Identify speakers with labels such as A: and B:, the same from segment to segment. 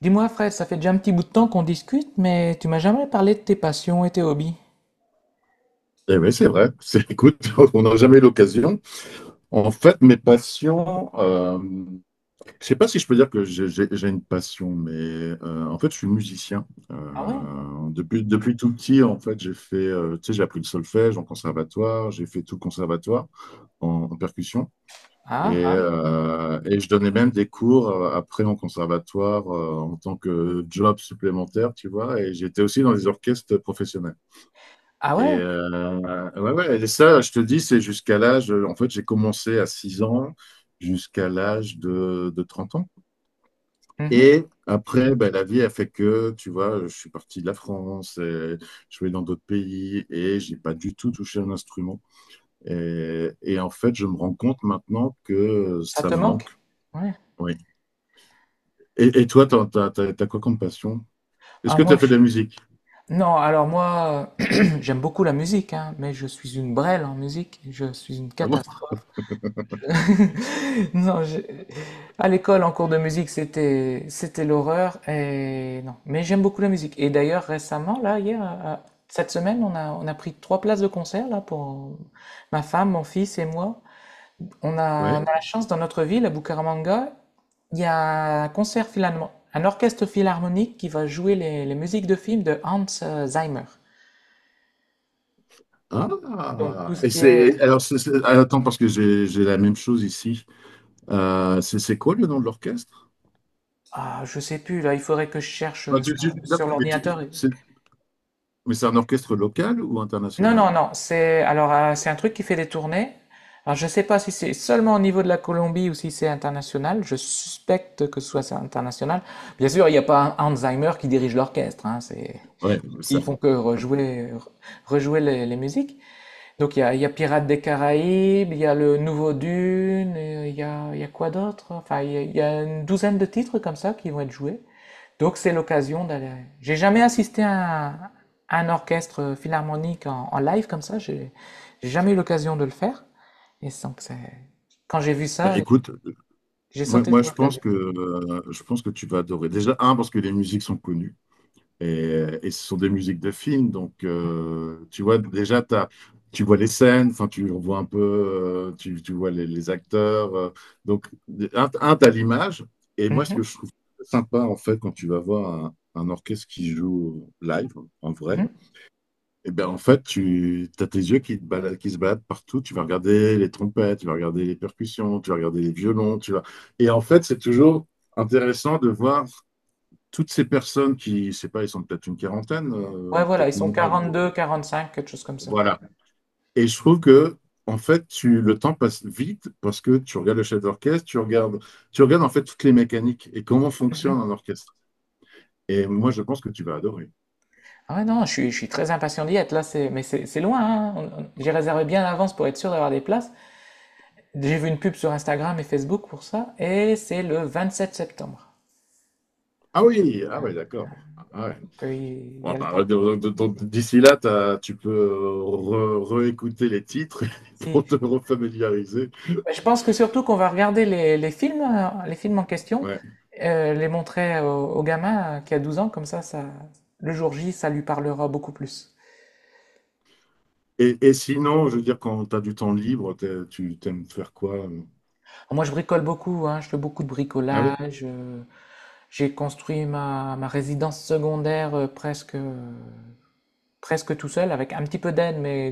A: Dis-moi, Fred, ça fait déjà un petit bout de temps qu'on discute, mais tu m'as jamais parlé de tes passions et tes hobbies.
B: Eh oui, c'est vrai. Écoute, on n'a jamais eu l'occasion. En fait, mes passions, je sais pas si je peux dire que j'ai une passion, mais en fait, je suis musicien.
A: Ah ouais?
B: Depuis tout petit, en fait, j'ai fait, tu sais, j'ai appris le solfège en conservatoire, j'ai fait tout le conservatoire en percussion.
A: Ah, ah.
B: Et je donnais même des cours après en conservatoire en tant que job supplémentaire, tu vois. Et j'étais aussi dans les orchestres professionnels.
A: Ah
B: Et
A: ouais?
B: ouais, ouais, et ça, je te dis, c'est jusqu'à l'âge. En fait, j'ai commencé à 6 ans jusqu'à l'âge de 30 ans.
A: Mhm.
B: Et après, ben, la vie a fait que, tu vois, je suis parti de la France, et je vais dans d'autres pays et j'ai pas du tout touché un instrument. Et en fait, je me rends compte maintenant que
A: Ça
B: ça
A: te
B: me manque.
A: manque? Ouais.
B: Oui. Et toi, t'as quoi comme passion? Est-ce
A: Ah,
B: que tu
A: moi,
B: as fait
A: je...
B: de la musique?
A: Non, alors moi, j'aime beaucoup la musique, hein, mais je suis une brêle en musique. Je suis une
B: Ah bon?
A: catastrophe. Non, j'ai- à l'école, en cours de musique, c'était l'horreur et non. Mais j'aime beaucoup la musique. Et d'ailleurs, récemment, là, hier, à- cette semaine, on a pris trois places de concert là pour ma femme, mon fils et moi. On a,
B: Oui.
A: on a la chance dans notre ville, à Bucaramanga, il y a un concert finalement, un orchestre philharmonique qui va jouer les musiques de films de Hans Zimmer. Donc
B: Ah!
A: tout ce
B: Et
A: qui est,
B: c'est, alors, attends, parce que j'ai la même chose ici. C'est quoi le nom de l'orchestre?
A: ah, je sais plus là, il faudrait que je cherche
B: Enfin,
A: sur,
B: là,
A: sur
B: mais tu-
A: l'ordinateur.
B: c'est mais c'est un orchestre local ou
A: Non,
B: international?
A: non, non, c'est alors c'est un truc qui fait des tournées. Alors je sais pas si c'est seulement au niveau de la Colombie ou si c'est international. Je suspecte que ce soit international. Bien sûr, il n'y a pas un Alzheimer qui dirige l'orchestre. Hein, c'est
B: Ouais, ça.
A: ils font que rejouer re- rejouer les musiques. Donc il y a Pirates des Caraïbes, il y a le nouveau Dune, et il y a quoi d'autre? Enfin, il y a une douzaine de titres comme ça qui vont être joués. Donc c'est l'occasion d'aller. J'ai jamais assisté à un, orchestre philharmonique en, en live comme ça. J'ai jamais eu l'occasion de le faire. Et sans que c'est- quand j'ai vu
B: Bah,
A: ça,
B: écoute,
A: j'ai sauté
B: moi
A: sur l'occasion.
B: je pense que tu vas adorer. Déjà, un, parce que les musiques sont connues et ce sont des musiques de films. Donc, tu vois, déjà, tu vois les scènes, enfin, tu vois un peu, tu vois les acteurs. Donc, un, t'as l'image. Et moi, ce que
A: Mhm,
B: je trouve sympa, en fait, quand tu vas voir un orchestre qui joue live, en vrai,
A: mhm.
B: et ben en fait, tu as tes yeux qui se baladent partout. Tu vas regarder les trompettes, tu vas regarder les percussions, tu vas regarder les violons. Tu vas... Et en fait, c'est toujours intéressant de voir toutes ces personnes qui, je sais pas, ils sont peut-être une quarantaine,
A: Ouais, voilà, ils
B: peut-être
A: sont
B: moins. Bon,
A: 42, 45, quelque chose comme ça.
B: voilà. Et je trouve que, en fait, le temps passe vite parce que tu regardes le chef d'orchestre, tu regardes en fait toutes les mécaniques et comment
A: Mhm.
B: fonctionne un orchestre. Et moi, je pense que tu vas adorer.
A: Ah ouais, non, je suis très impatient d'y être. Là, c'est, mais c'est loin, hein. On- J'ai réservé bien à l'avance pour être sûr d'avoir des places. J'ai vu une pub sur Instagram et Facebook pour ça. Et c'est le 27 septembre.
B: Ah oui, ah ouais, d'accord. Ah ouais.
A: Donc, il y
B: Ouais,
A: a le
B: bah,
A: temps.
B: d'ici là, tu peux réécouter les titres
A: Si,
B: pour te
A: si
B: refamiliariser.
A: je pense que surtout qu'on va regarder les films en question,
B: Ouais.
A: les montrer au, au gamin qui a 12 ans, comme ça, le jour J, ça lui parlera beaucoup plus.
B: Et sinon, je veux dire, quand tu as du temps libre, tu t'aimes faire quoi?
A: Alors moi, je bricole beaucoup, hein, je fais beaucoup de
B: Ah oui?
A: bricolage, j'ai construit ma, ma résidence secondaire presque, presque tout seul avec un petit peu d'aide, mais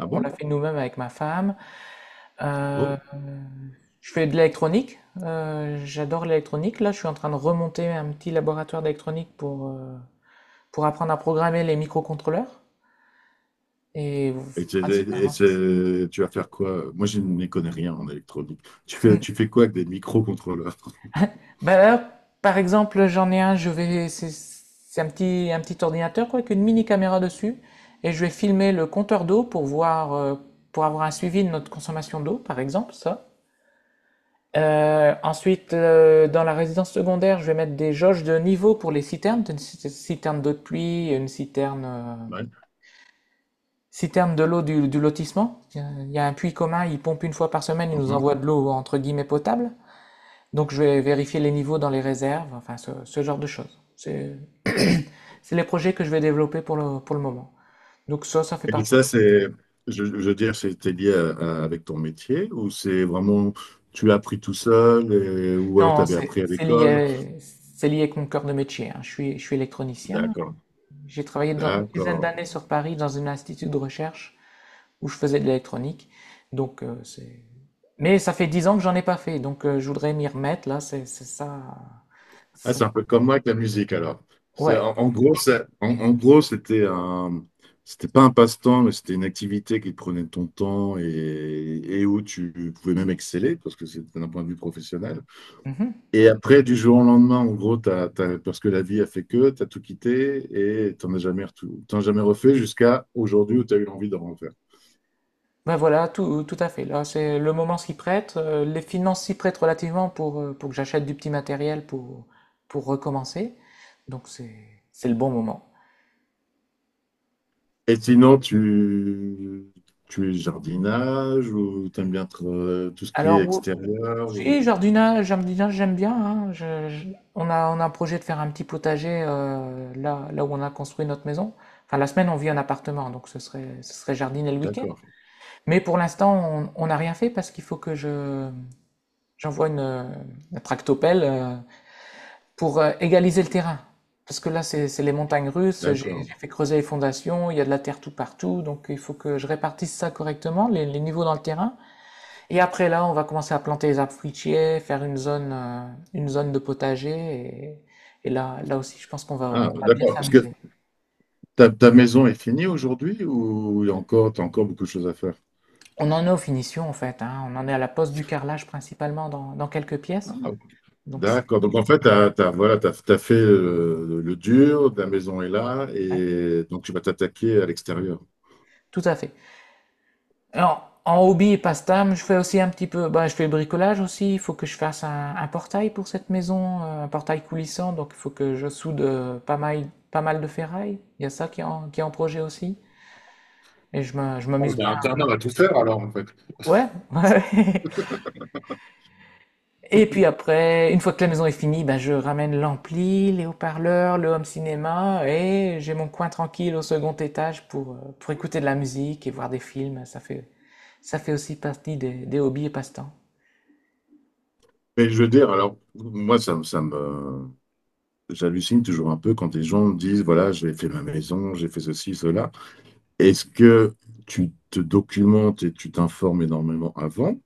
B: Ah
A: on l'a
B: bon?
A: fait nous-mêmes avec ma femme. Euh,
B: Oh.
A: je fais de l'électronique. J'adore l'électronique. Là, je suis en train de remonter un petit laboratoire d'électronique pour apprendre à programmer les microcontrôleurs. Et
B: Et, t'es- et
A: principalement, c'est ça.
B: tu vas faire quoi? Moi, je n'y connais rien en électronique. Tu fais quoi avec des microcontrôleurs?
A: Ben là, par exemple, j'en ai un, je vais, c'est un petit ordinateur quoi, avec une mini caméra dessus, et je vais filmer le compteur d'eau pour voir, pour avoir un suivi de notre consommation d'eau, par exemple, ça. Ensuite, dans la résidence secondaire, je vais mettre des jauges de niveau pour les citernes. Une ci- citerne d'eau de pluie, une citerne,
B: Ouais.
A: citerne de l'eau du lotissement. Il y a un puits commun, il pompe une fois par semaine, il nous
B: Mhm.
A: envoie de l'eau entre guillemets potable. Donc je vais vérifier les niveaux dans les réserves, enfin ce genre de choses. C'est les projets que je vais développer pour le moment. Donc ça fait
B: Et
A: partie.
B: ça, c'est, je veux dire, c'était lié avec ton métier ou c'est vraiment, tu l'as appris tout seul ou alors tu
A: Non,
B: avais
A: c'est
B: appris à
A: c'est
B: l'école?
A: lié, c'est lié avec mon cœur de métier, hein. Je suis électronicien.
B: D'accord,
A: J'ai travaillé dans une dizaine
B: d'accord.
A: d'années sur Paris dans un institut de recherche où je faisais de l'électronique. Donc, c'est... Mais ça fait dix ans que j'en ai pas fait, donc je voudrais m'y remettre, là, c'est ça.
B: Ah,
A: Ça-
B: c'est un peu comme moi avec la musique alors. C'est,
A: Ouais.
B: en gros, en gros, c'était un, c'était pas un passe-temps, mais c'était une activité qui te prenait de ton temps et où tu pouvais même exceller parce que c'était d'un point de vue professionnel.
A: Mhm.
B: Et après, du jour au lendemain, en gros, parce que la vie a fait que, tu as tout quitté et t'en as jamais refait jusqu'à aujourd'hui où tu as eu l'envie d'en refaire.
A: Ben voilà, tout, tout à fait. Là, c'est le moment s'y prête, les finances s'y prêtent relativement pour que j'achète du petit matériel pour recommencer. Donc c'est le bon moment.
B: Et sinon, tu es jardinage ou t'aimes bien être, tout ce qui
A: Alors,
B: est
A: ou-
B: extérieur ou...
A: si, jardinage, jardinage, j'aime bien, hein. Je- on a un projet de faire un petit potager là, là où on a construit notre maison. Enfin, la semaine, on vit en appartement, donc ce serait jardiner le week-end.
B: D'accord,
A: Mais pour l'instant, on n'a rien fait parce qu'il faut que je, j'envoie une tractopelle pour égaliser le terrain. Parce que là, c'est les montagnes russes, j'ai
B: d'accord.
A: j'ai fait creuser les fondations, il y a de la terre tout partout, donc il faut que je répartisse ça correctement, les niveaux dans le terrain. Et après là, on va commencer à planter les arbres fruitiers, faire une zone de potager. Et là, là aussi, je pense qu'on va,
B: Ah,
A: on va bien
B: d'accord. Parce que
A: s'amuser.
B: ta maison est finie aujourd'hui ou il y a encore, t'as encore beaucoup de choses à faire?
A: On en est aux finitions en fait, hein. On en est à la pose du carrelage principalement dans, dans quelques
B: Ah,
A: pièces.
B: ok.
A: Donc, c'est-
B: D'accord. Donc en fait, voilà, t'as fait le dur, ta maison est là
A: ouais,
B: et donc tu vas t'attaquer à l'extérieur.
A: tout à fait. Alors, en hobby et passe-temps, je fais aussi un petit peu. Bah, je fais le bricolage aussi. Il faut que je fasse un portail pour cette maison, un portail coulissant. Donc, il faut que je soude pas mal, pas mal de ferraille. Il y a ça qui est en projet aussi. Et je me- je
B: Ah,
A: m'amuse
B: t'as
A: bien.
B: intérêt à tout faire alors en fait.
A: Ouais, ouais. Et puis après, une fois que la maison est finie, ben je ramène l'ampli, les haut-parleurs, le home cinéma et j'ai mon coin tranquille au second étage pour écouter de la musique et voir des films. Ça fait aussi partie des hobbies et passe-temps.
B: Mais je veux dire, alors, moi, ça me, j'hallucine toujours un peu quand les gens me disent, voilà, j'ai fait ma maison, j'ai fait ceci, cela. Est-ce que tu te documentes et tu t'informes énormément avant?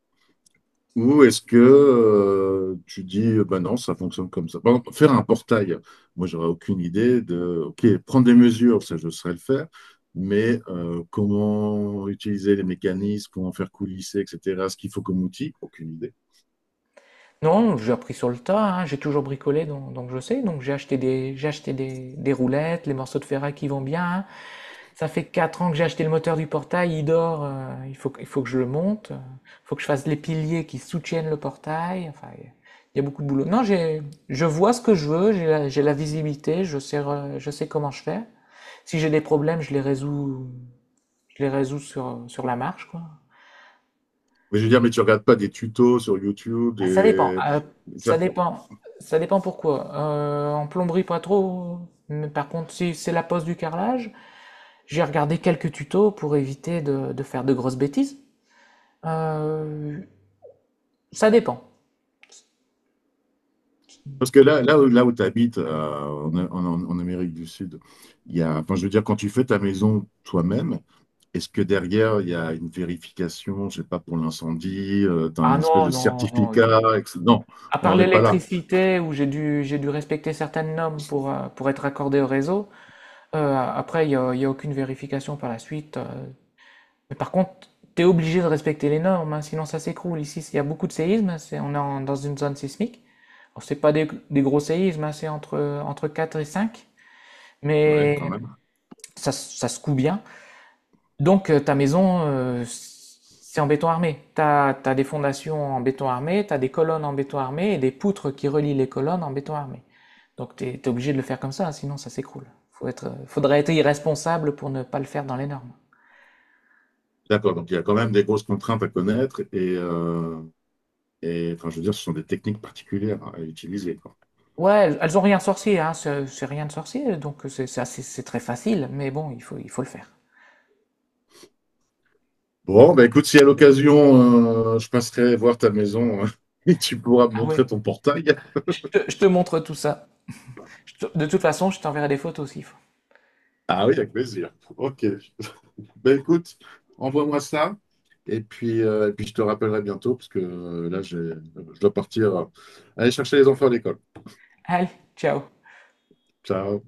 B: Ou est-ce que tu dis, bah non, ça fonctionne comme ça. Par exemple, faire un portail, moi, j'aurais aucune idée de, OK, prendre des mesures, ça, je saurais le faire, mais comment utiliser les mécanismes, comment faire coulisser, etc., ce qu'il faut comme outil, aucune idée.
A: Non, j'ai appris sur le tas, hein, j'ai toujours bricolé, donc je sais. Donc j'ai acheté des roulettes, les morceaux de ferraille qui vont bien, hein. Ça fait 4 ans que j'ai acheté le moteur du portail, il dort, il faut que je le monte, il faut que je fasse les piliers qui soutiennent le portail. Enfin, il y a beaucoup de boulot. Non, j'ai, je vois ce que je veux, j'ai la visibilité, je sais, re- je sais comment je fais. Si j'ai des problèmes, je les résous sur, sur la marche, quoi.
B: Mais je veux dire, mais tu regardes pas des tutos sur YouTube,
A: Ça dépend.
B: des...
A: Ça
B: ça-
A: dépend. Ça dépend pourquoi. En plomberie, pas trop. Mais par contre, si c'est la pose du carrelage, j'ai regardé quelques tutos pour éviter de faire de grosses bêtises. Euh, ça dépend.
B: parce que là, là où tu habites, en Amérique du Sud, il y a, enfin, je veux dire, quand tu fais ta maison toi-même, est-ce que derrière, il y a une vérification, je sais pas, pour l'incendie, tu as
A: Ah
B: une espèce
A: non,
B: de
A: non, non.
B: certificat,
A: Oui,
B: etc. Non,
A: à
B: on
A: part
B: n'en est pas là.
A: l'électricité, où j'ai dû respecter certaines normes pour être accordé au réseau, après, il n'y a, il y a aucune vérification par la suite. Mais par contre, tu es obligé de respecter les normes, hein, sinon ça s'écroule. Ici, il y a beaucoup de séismes, c'est, on est en- dans une zone sismique. C'est pas des, des gros séismes, hein, c'est entre, entre 4 et 5,
B: Ouais,
A: mais
B: quand même.
A: ça se coud bien. Donc ta maison, c'est en béton armé. Tu as, des fondations en béton armé, tu as des colonnes en béton armé et des poutres qui relient les colonnes en béton armé. Donc tu es, obligé de le faire comme ça, sinon ça s'écroule. Faut être, faudrait être irresponsable pour ne pas le faire dans les normes.
B: D'accord, donc il y a quand même des grosses contraintes à connaître et enfin, je veux dire, ce sont des techniques particulières à utiliser.
A: Ouais, elles ont rien de sorcier, hein, c'est rien de sorcier, donc c'est assez- c'est très facile, mais bon, il faut le faire.
B: Bon, bah écoute, si à l'occasion, je passerai voir ta maison et tu pourras me
A: Ah
B: montrer
A: ouais,
B: ton portail.
A: je te montre tout ça. De toute façon, je t'enverrai des photos aussi.
B: Ah oui, avec plaisir. Ok. Bah écoute, envoie-moi ça et puis je te rappellerai bientôt parce que je dois partir aller chercher les enfants à l'école.
A: Allez, ciao.
B: Ciao.